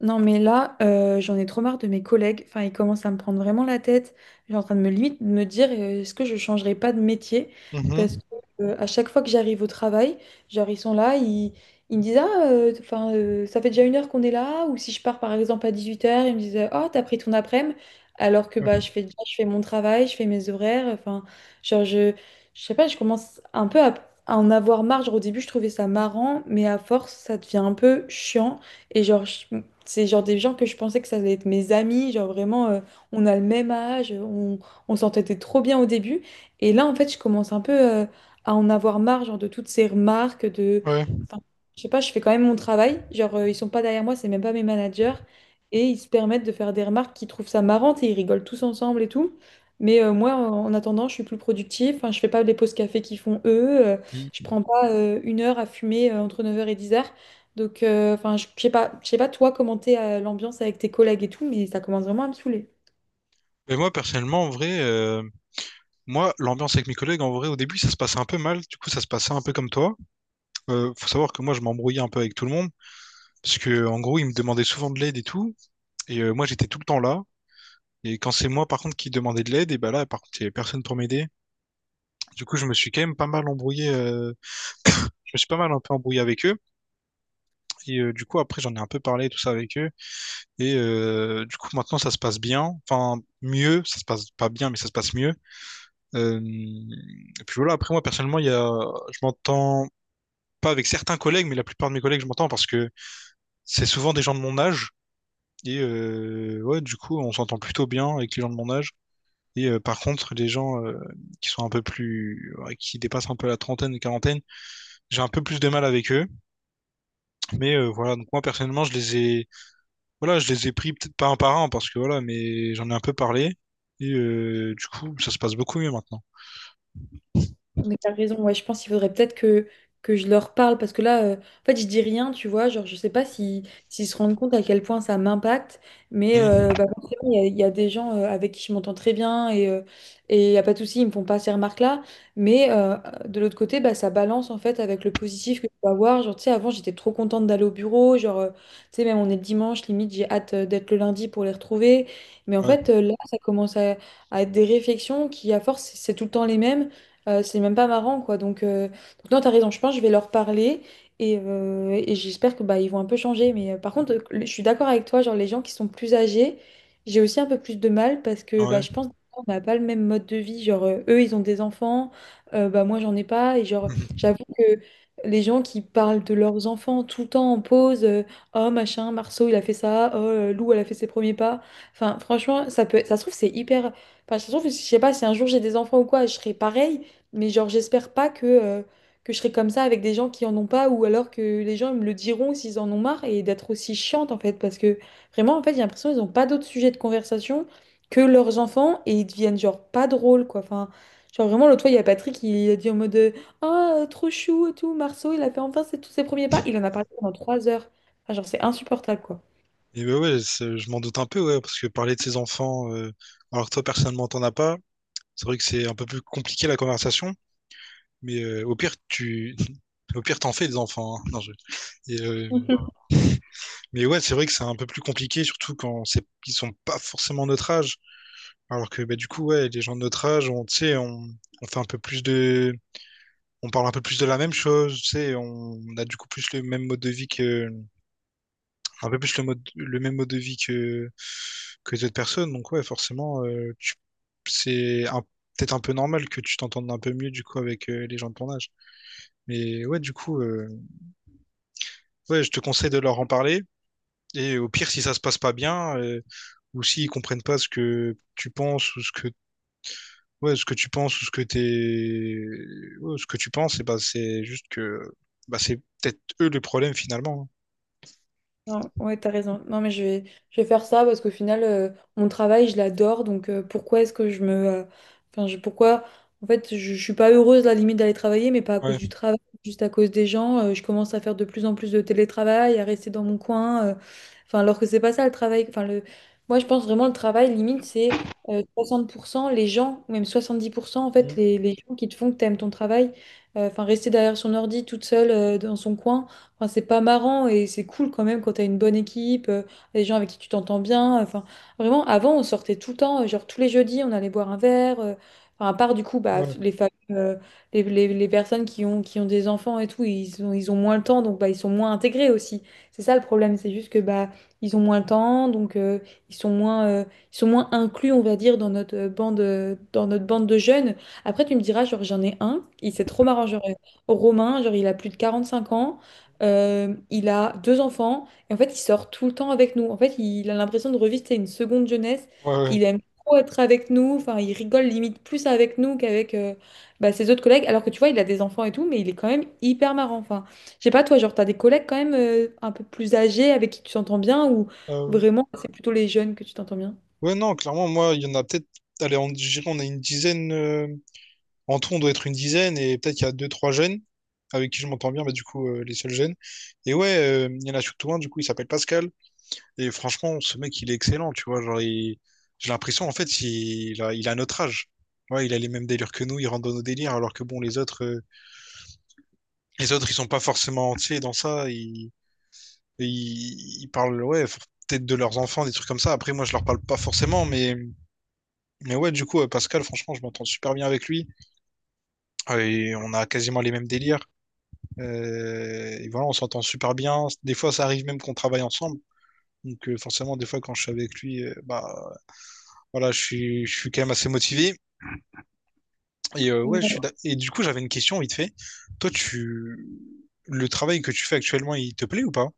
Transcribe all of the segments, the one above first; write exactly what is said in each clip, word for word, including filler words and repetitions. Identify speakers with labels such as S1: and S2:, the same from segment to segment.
S1: Non, mais là, euh, j'en ai trop marre de mes collègues. Enfin, ils commencent à me prendre vraiment la tête. J'ai en train de me limite de me dire, euh, est-ce que je changerai pas de métier? Parce
S2: Mhm.
S1: que euh, à chaque fois que j'arrive au travail, genre ils sont là, ils, ils me disent, ah, euh, enfin, euh, ça fait déjà une heure qu'on est là. Ou si je pars par exemple à dix-huit heures, ils me disent, euh, oh, t'as pris ton après-midi. Alors que
S2: Ouais.
S1: bah, je fais déjà, je fais mon travail, je fais mes horaires. Enfin, genre je, je sais pas, je commence un peu à, à en avoir marre. Genre au début, je trouvais ça marrant, mais à force, ça devient un peu chiant. Et genre, je- c'est genre des gens que je pensais que ça allait être mes amis, genre vraiment, euh, on a le même âge, on, on s'entendait trop bien au début. Et là, en fait, je commence un peu euh, à en avoir marre, genre de toutes ces remarques, de...
S2: Ouais.
S1: Enfin, je sais pas, je fais quand même mon travail, genre euh, ils sont pas derrière moi, c'est même pas mes managers, et ils se permettent de faire des remarques qu'ils trouvent ça marrante et ils rigolent tous ensemble et tout. Mais euh, moi, en en attendant, je suis plus productive, enfin, je fais pas les pauses café qu'ils font eux, euh, je
S2: Mm.
S1: prends pas euh, une heure à fumer euh, entre neuf heures et dix heures donc, euh, enfin, je je sais pas, je sais pas toi comment t'es euh, l'ambiance avec tes collègues et tout, mais ça commence vraiment à me saouler.
S2: Mais moi, personnellement, en vrai, euh, moi, l'ambiance avec mes collègues, en vrai, au début, ça se passait un peu mal. Du coup, ça se passait un peu comme toi. Euh, faut savoir que moi, je m'embrouillais un peu avec tout le monde. Parce que, en gros, ils me demandaient souvent de l'aide et tout. Et euh, moi, j'étais tout le temps là. Et quand c'est moi, par contre, qui demandais de l'aide, et bah là, par contre, il y avait personne pour m'aider. Du coup, je me suis quand même pas mal embrouillé. euh, Je me suis pas mal un peu embrouillé avec eux. Et euh, du coup, après, j'en ai un peu parlé, tout ça avec eux. Et euh, du coup, maintenant, ça se passe bien. Enfin, mieux. Ça se passe pas bien, mais ça se passe mieux. Euh, et puis voilà, après moi personnellement, il y a, je m'entends pas avec certains collègues, mais la plupart de mes collègues, je m'entends parce que c'est souvent des gens de mon âge. Et euh, ouais, du coup, on s'entend plutôt bien avec les gens de mon âge. Et euh, par contre, les gens euh, qui sont un peu plus, ouais, qui dépassent un peu la trentaine, quarantaine, j'ai un peu plus de mal avec eux. Mais euh, voilà, donc moi personnellement, je les ai, voilà, je les ai pris peut-être pas un par un parce que voilà, mais j'en ai un peu parlé. Et euh, du coup, ça se passe beaucoup mieux maintenant.
S1: Mais t'as raison, ouais, je pense qu'il faudrait peut-être que, que je leur parle parce que là, euh, en fait, je dis rien, tu vois, genre, je sais pas si, s'ils se rendent compte à quel point ça m'impacte, mais
S2: Mhm.
S1: euh, bah, forcément, il y, a il y a des gens euh, avec qui je m'entends très bien et euh, et il n'y a pas de souci, ils me font pas ces remarques-là, mais euh, de l'autre côté, bah, ça balance en fait avec le positif que je peux avoir. Genre, tu sais, avant, j'étais trop contente d'aller au bureau, genre, euh, tu sais, même on est le dimanche, limite, j'ai hâte euh, d'être le lundi pour les retrouver, mais en
S2: Ouais,
S1: fait, euh, là, ça commence à, à être des réflexions qui, à force, c'est tout le temps les mêmes. Euh, c'est même pas marrant, quoi. Donc, euh, donc non, t'as raison. Je pense que je vais leur parler et, euh, et j'espère que bah, ils vont un peu changer. Mais euh, par contre, euh, je suis d'accord avec toi. Genre, les gens qui sont plus âgés, j'ai aussi un peu plus de mal parce que bah,
S2: ouais.
S1: je pense qu'on n'a pas le même mode de vie. Genre, euh, eux, ils ont des enfants. Euh, bah, moi, j'en ai pas. Et genre,
S2: Mhm.
S1: j'avoue que les gens qui parlent de leurs enfants tout le temps en pause, euh, oh machin, Marceau, il a fait ça. Oh, euh, Lou, elle a fait ses premiers pas. Enfin, franchement, ça peut, ça se trouve, c'est hyper. Enfin, ça se trouve, je sais pas, si un jour j'ai des enfants ou quoi, je serai pareil. Mais genre, j'espère pas que, euh, que je serai comme ça avec des gens qui en ont pas ou alors que les gens me le diront s'ils en ont marre et d'être aussi chiante en fait. Parce que vraiment, en fait, j'ai l'impression qu'ils n'ont pas d'autres sujets de conversation que leurs enfants et ils deviennent genre pas drôles quoi. Enfin, genre vraiment, l'autre fois, il y a Patrick, il a dit en mode euh, ah, trop chou et tout, Marceau, il a fait enfin ses- tous ses premiers pas. Il en a parlé pendant trois heures. Enfin, genre, c'est insupportable quoi.
S2: Et bah ouais, c'est, je m'en doute un peu, ouais, parce que parler de ses enfants, euh, alors que toi personnellement t'en as pas, c'est vrai que c'est un peu plus compliqué la conversation, mais euh, au pire tu, au pire t'en fais des enfants. Hein. Non, je- Et, euh, Mais ouais, c'est vrai que c'est un peu plus compliqué, surtout quand c'est, ils sont pas forcément notre âge, alors que bah du coup ouais, les gens de notre âge, on, tu sais, on, on fait un peu plus de, on parle un peu plus de la même chose, tu sais, on, on a du coup plus le même mode de vie que un peu plus le mode, le même mode de vie que, que d'autres personnes. Donc ouais, forcément, euh, tu- c'est un- peut-être un peu normal que tu t'entendes un peu mieux du coup avec euh, les gens de ton âge. Mais ouais, du coup, euh, ouais, je te conseille de leur en parler. Et au pire, si ça se passe pas bien, euh, ou s'ils comprennent pas ce que tu penses ou ce que ouais, ce que tu penses ou ce que t'es ouais, ce que tu penses, et bah c'est juste que bah c'est peut-être eux le problème finalement.
S1: Non, ouais, t'as raison. Non, mais je vais, je vais faire ça parce qu'au final, euh, mon travail, je l'adore. Donc, euh, pourquoi est-ce que je me. euh, Enfin, je, pourquoi. En fait, je, je suis pas heureuse, à la limite, d'aller travailler, mais pas à
S2: Hein.
S1: cause du
S2: Ouais.
S1: travail, juste à cause des gens. Euh, je commence à faire de plus en plus de télétravail, à rester dans mon coin. euh, Enfin, alors que c'est pas ça le travail. Enfin, le... Moi, je pense vraiment le travail, limite, c'est euh, soixante pour cent les gens, ou même soixante-dix pour cent, en fait,
S2: Mm.
S1: les, les gens qui te font que t'aimes ton travail. Euh, Enfin, rester derrière son ordi toute seule euh, dans son coin. Enfin, c'est pas marrant et c'est cool quand même quand t'as une bonne équipe, euh, des gens avec qui tu t'entends bien. Enfin, vraiment, avant, on sortait tout le temps, euh, genre tous les jeudis, on allait boire un verre. Euh, enfin, à part du coup, bah,
S2: Ouais.
S1: les, familles, euh, les, les- les personnes qui ont, qui ont des enfants et tout, ils ont, ils ont moins le temps, donc bah, ils sont moins intégrés aussi. C'est ça le problème, c'est juste que bah, ils ont moins le temps, donc euh, ils sont moins, euh, ils sont moins inclus, on va dire, dans notre euh, bande, euh, dans notre bande de jeunes. Après, tu me diras, genre, j'en ai un, il c'est trop marrant, genre, euh, Romain, genre, il a plus de quarante-cinq ans. Euh, il a deux enfants et en fait, il sort tout le temps avec nous. En fait, il a l'impression de revivre c'est une seconde jeunesse.
S2: Ouais. Ouais.
S1: Il aime trop être avec nous. Enfin, il rigole limite plus avec nous qu'avec euh, bah, ses autres collègues. Alors que tu vois, il a des enfants et tout, mais il est quand même hyper marrant. Enfin, je sais pas, toi, genre, t'as des collègues quand même euh, un peu plus âgés avec qui tu t'entends bien ou
S2: Ah ouais.
S1: vraiment c'est plutôt les jeunes que tu t'entends bien?
S2: Ouais, non, clairement, moi, il y en a peut-être. Allez, on, je dirais, on a une dizaine. Euh, en tout, on doit être une dizaine, et peut-être qu'il y a deux, trois jeunes avec qui je m'entends bien, bah, du coup, euh, les seuls jeunes. Et ouais, euh, il y en a surtout un, du coup, il s'appelle Pascal. Et franchement, ce mec, il est excellent, tu vois. Genre, il- j'ai l'impression, en fait, il, il a, il a notre âge. Ouais, il a les mêmes délires que nous, il rentre dans nos délires, alors que bon, les autres, euh, les autres, ils sont pas forcément, tu sais, dans ça. Ils, ils, ils parlent, ouais, peut-être de leurs enfants, des trucs comme ça. Après, moi, je leur parle pas forcément, mais. Mais ouais, du coup, euh, Pascal, franchement, je m'entends super bien avec lui. Euh, Et on a quasiment les mêmes délires. Euh, et voilà, on s'entend super bien. Des fois, ça arrive même qu'on travaille ensemble. Donc euh, forcément, des fois, quand je suis avec lui, euh, bah voilà, je suis, je suis quand même assez motivé. Et euh, ouais, je suis. d'a- Et du coup, j'avais une question vite fait. Toi, tu, le travail que tu fais actuellement, il te plaît ou pas?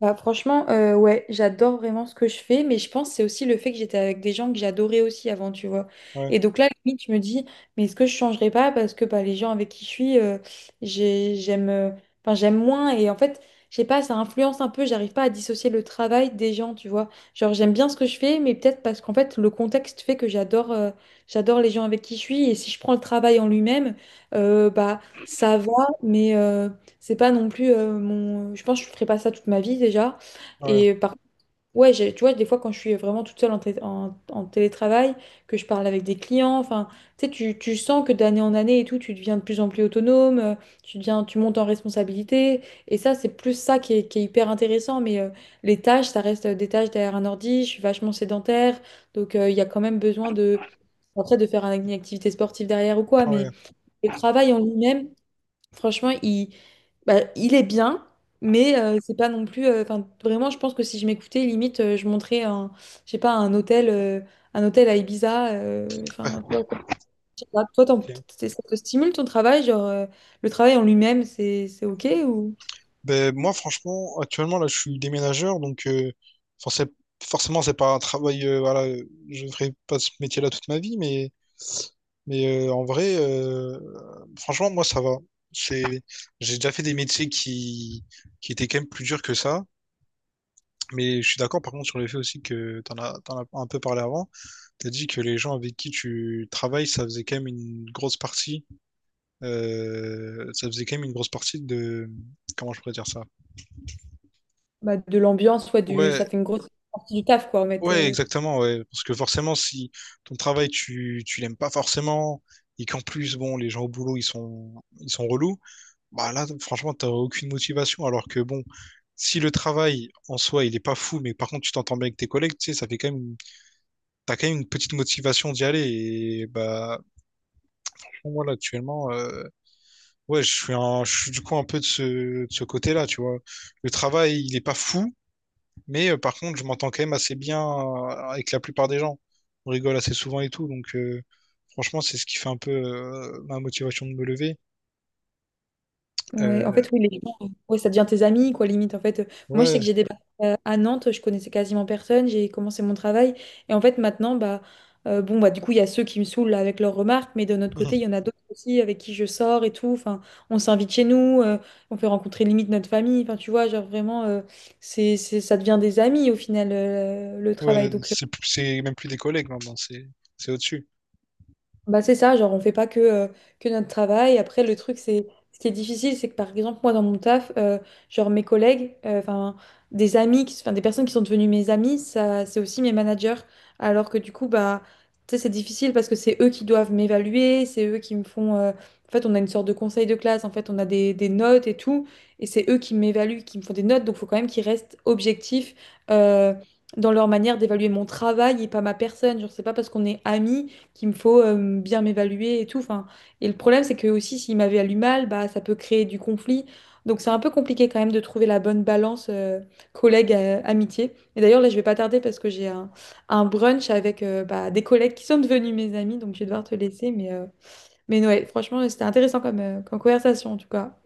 S1: Bah, franchement, euh, ouais, j'adore vraiment ce que je fais, mais je pense que c'est aussi le fait que j'étais avec des gens que j'adorais aussi avant, tu vois.
S2: Ouais,
S1: Et donc là, à la limite, je me dis, mais est-ce que je changerais pas parce que bah, les gens avec qui je suis, euh, j'ai- j'aime, euh, enfin, j'aime moins. Et en fait, je sais pas, ça influence un peu, j'arrive pas à dissocier le travail des gens, tu vois. Genre, j'aime bien ce que je fais, mais peut-être parce qu'en fait, le contexte fait que j'adore euh, j'adore les gens avec qui je suis. Et si je prends le travail en lui-même, euh, bah, ça va, mais... euh, c'est pas non plus euh, mon. Je pense que je ferai pas ça toute ma vie déjà.
S2: ouais, ouais.
S1: Et par ouais, j'ai- tu vois, des fois quand je suis vraiment toute seule en, télé- en- en télétravail, que je parle avec des clients, enfin, tu sais, tu, tu sens que d'année en année et tout, tu deviens de plus en plus autonome, euh, tu deviens, tu montes en responsabilité. Et ça, c'est plus ça qui est, qui est hyper intéressant. Mais euh, les tâches, ça reste euh, des tâches derrière un ordi. Je suis vachement sédentaire, donc euh, il y a quand même besoin de après de faire un- une activité sportive derrière ou quoi. Mais
S2: Ouais,
S1: le travail en lui-même, franchement, il bah, il est bien, mais euh, c'est pas non plus. euh, Enfin, vraiment, je pense que si je m'écoutais, limite, euh, je montrais un, je sais pas, un hôtel, euh, un hôtel à Ibiza. euh, Enfin, toi, je sais pas, toi, t'en-
S2: ok.
S1: c'est- ça te stimule ton travail, genre euh, le travail en lui-même, c'est c'est ok ou
S2: Ben, moi, franchement, actuellement, là, je suis déménageur, donc euh, forcé- forcément, c'est pas un travail. euh, voilà, euh, je ne ferai pas ce métier-là toute ma vie, mais, mais euh, en vrai, euh, franchement, moi, ça va. C'est, j'ai déjà fait des métiers qui, qui étaient quand même plus durs que ça, mais je suis d'accord, par contre, sur le fait aussi que t'en as, t'en as un peu parlé avant. T'as dit que les gens avec qui tu travailles, ça faisait quand même une grosse partie. Euh, ça faisait quand même une grosse partie de. Comment je pourrais dire ça?
S1: bah, de l'ambiance, soit du,
S2: Ouais,
S1: ça fait une grosse partie du taf, quoi, en fait.
S2: ouais,
S1: euh.
S2: exactement, ouais. Parce que forcément, si ton travail, tu, tu l'aimes pas forcément, et qu'en plus, bon, les gens au boulot, ils sont, ils sont relous, bah là, franchement, t'as aucune motivation. Alors que bon, si le travail en soi, il est pas fou, mais par contre, tu t'entends bien avec tes collègues, tu sais, ça fait quand même, t'as quand même une petite motivation d'y aller. Et bah, moi, là, actuellement, euh, ouais, je suis un, je suis du coup un peu de ce, de ce côté-là, tu vois. Le travail, il est pas fou, mais euh, par contre, je m'entends quand même assez bien euh, avec la plupart des gens. On rigole assez souvent et tout, donc euh, franchement, c'est ce qui fait un peu euh, ma motivation de me lever.
S1: Ouais, en
S2: Euh,
S1: fait, oui, les gens, euh, ouais, ça devient tes amis, quoi, limite. En fait, Euh, moi, je sais
S2: ouais,
S1: que j'ai débarqué euh, à Nantes, je connaissais quasiment personne, j'ai commencé mon travail. Et en fait, maintenant, bah, euh, bon, bah, du coup, il y a ceux qui me saoulent là, avec leurs remarques, mais de notre côté, il y en a d'autres aussi avec qui je sors et tout. Enfin, on s'invite chez nous, euh, on fait rencontrer limite notre famille. Enfin, tu vois, genre vraiment, euh, c'est, c'est, ça devient des amis au final, euh, le travail.
S2: ouais,
S1: Donc,
S2: c'est c'est même plus des collègues maintenant, c'est c'est au-dessus.
S1: bah c'est ça, genre on fait pas que, euh, que notre travail. Après, le truc, c'est ce qui est difficile, c'est que par exemple, moi dans mon taf, euh, genre mes collègues, euh, enfin des amis, qui- 'fin, des personnes qui sont devenues mes amis, ça c'est aussi mes managers. Alors que du coup, bah tu sais, c'est difficile parce que c'est eux qui doivent m'évaluer, c'est eux qui me font. euh, En fait, on a une sorte de conseil de classe, en fait, on a des, des notes et tout, et c'est eux qui m'évaluent, qui me font des notes, donc il faut quand même qu'ils restent objectifs. euh, Dans leur manière d'évaluer mon travail et pas ma personne. Genre, c'est pas parce qu'on est amis qu'il me faut euh, bien m'évaluer et tout. Enfin, et le problème, c'est que aussi, s'il m'évalue mal, bah, ça peut créer du conflit. Donc, c'est un peu compliqué quand même de trouver la bonne balance collègue-amitié. Et d'ailleurs, là, je vais pas tarder parce que j'ai un, un brunch avec euh, bah, des collègues qui sont devenus mes amis. Donc, je vais devoir te laisser. Mais, euh, mais ouais, franchement, c'était intéressant comme, euh, comme conversation, en tout cas.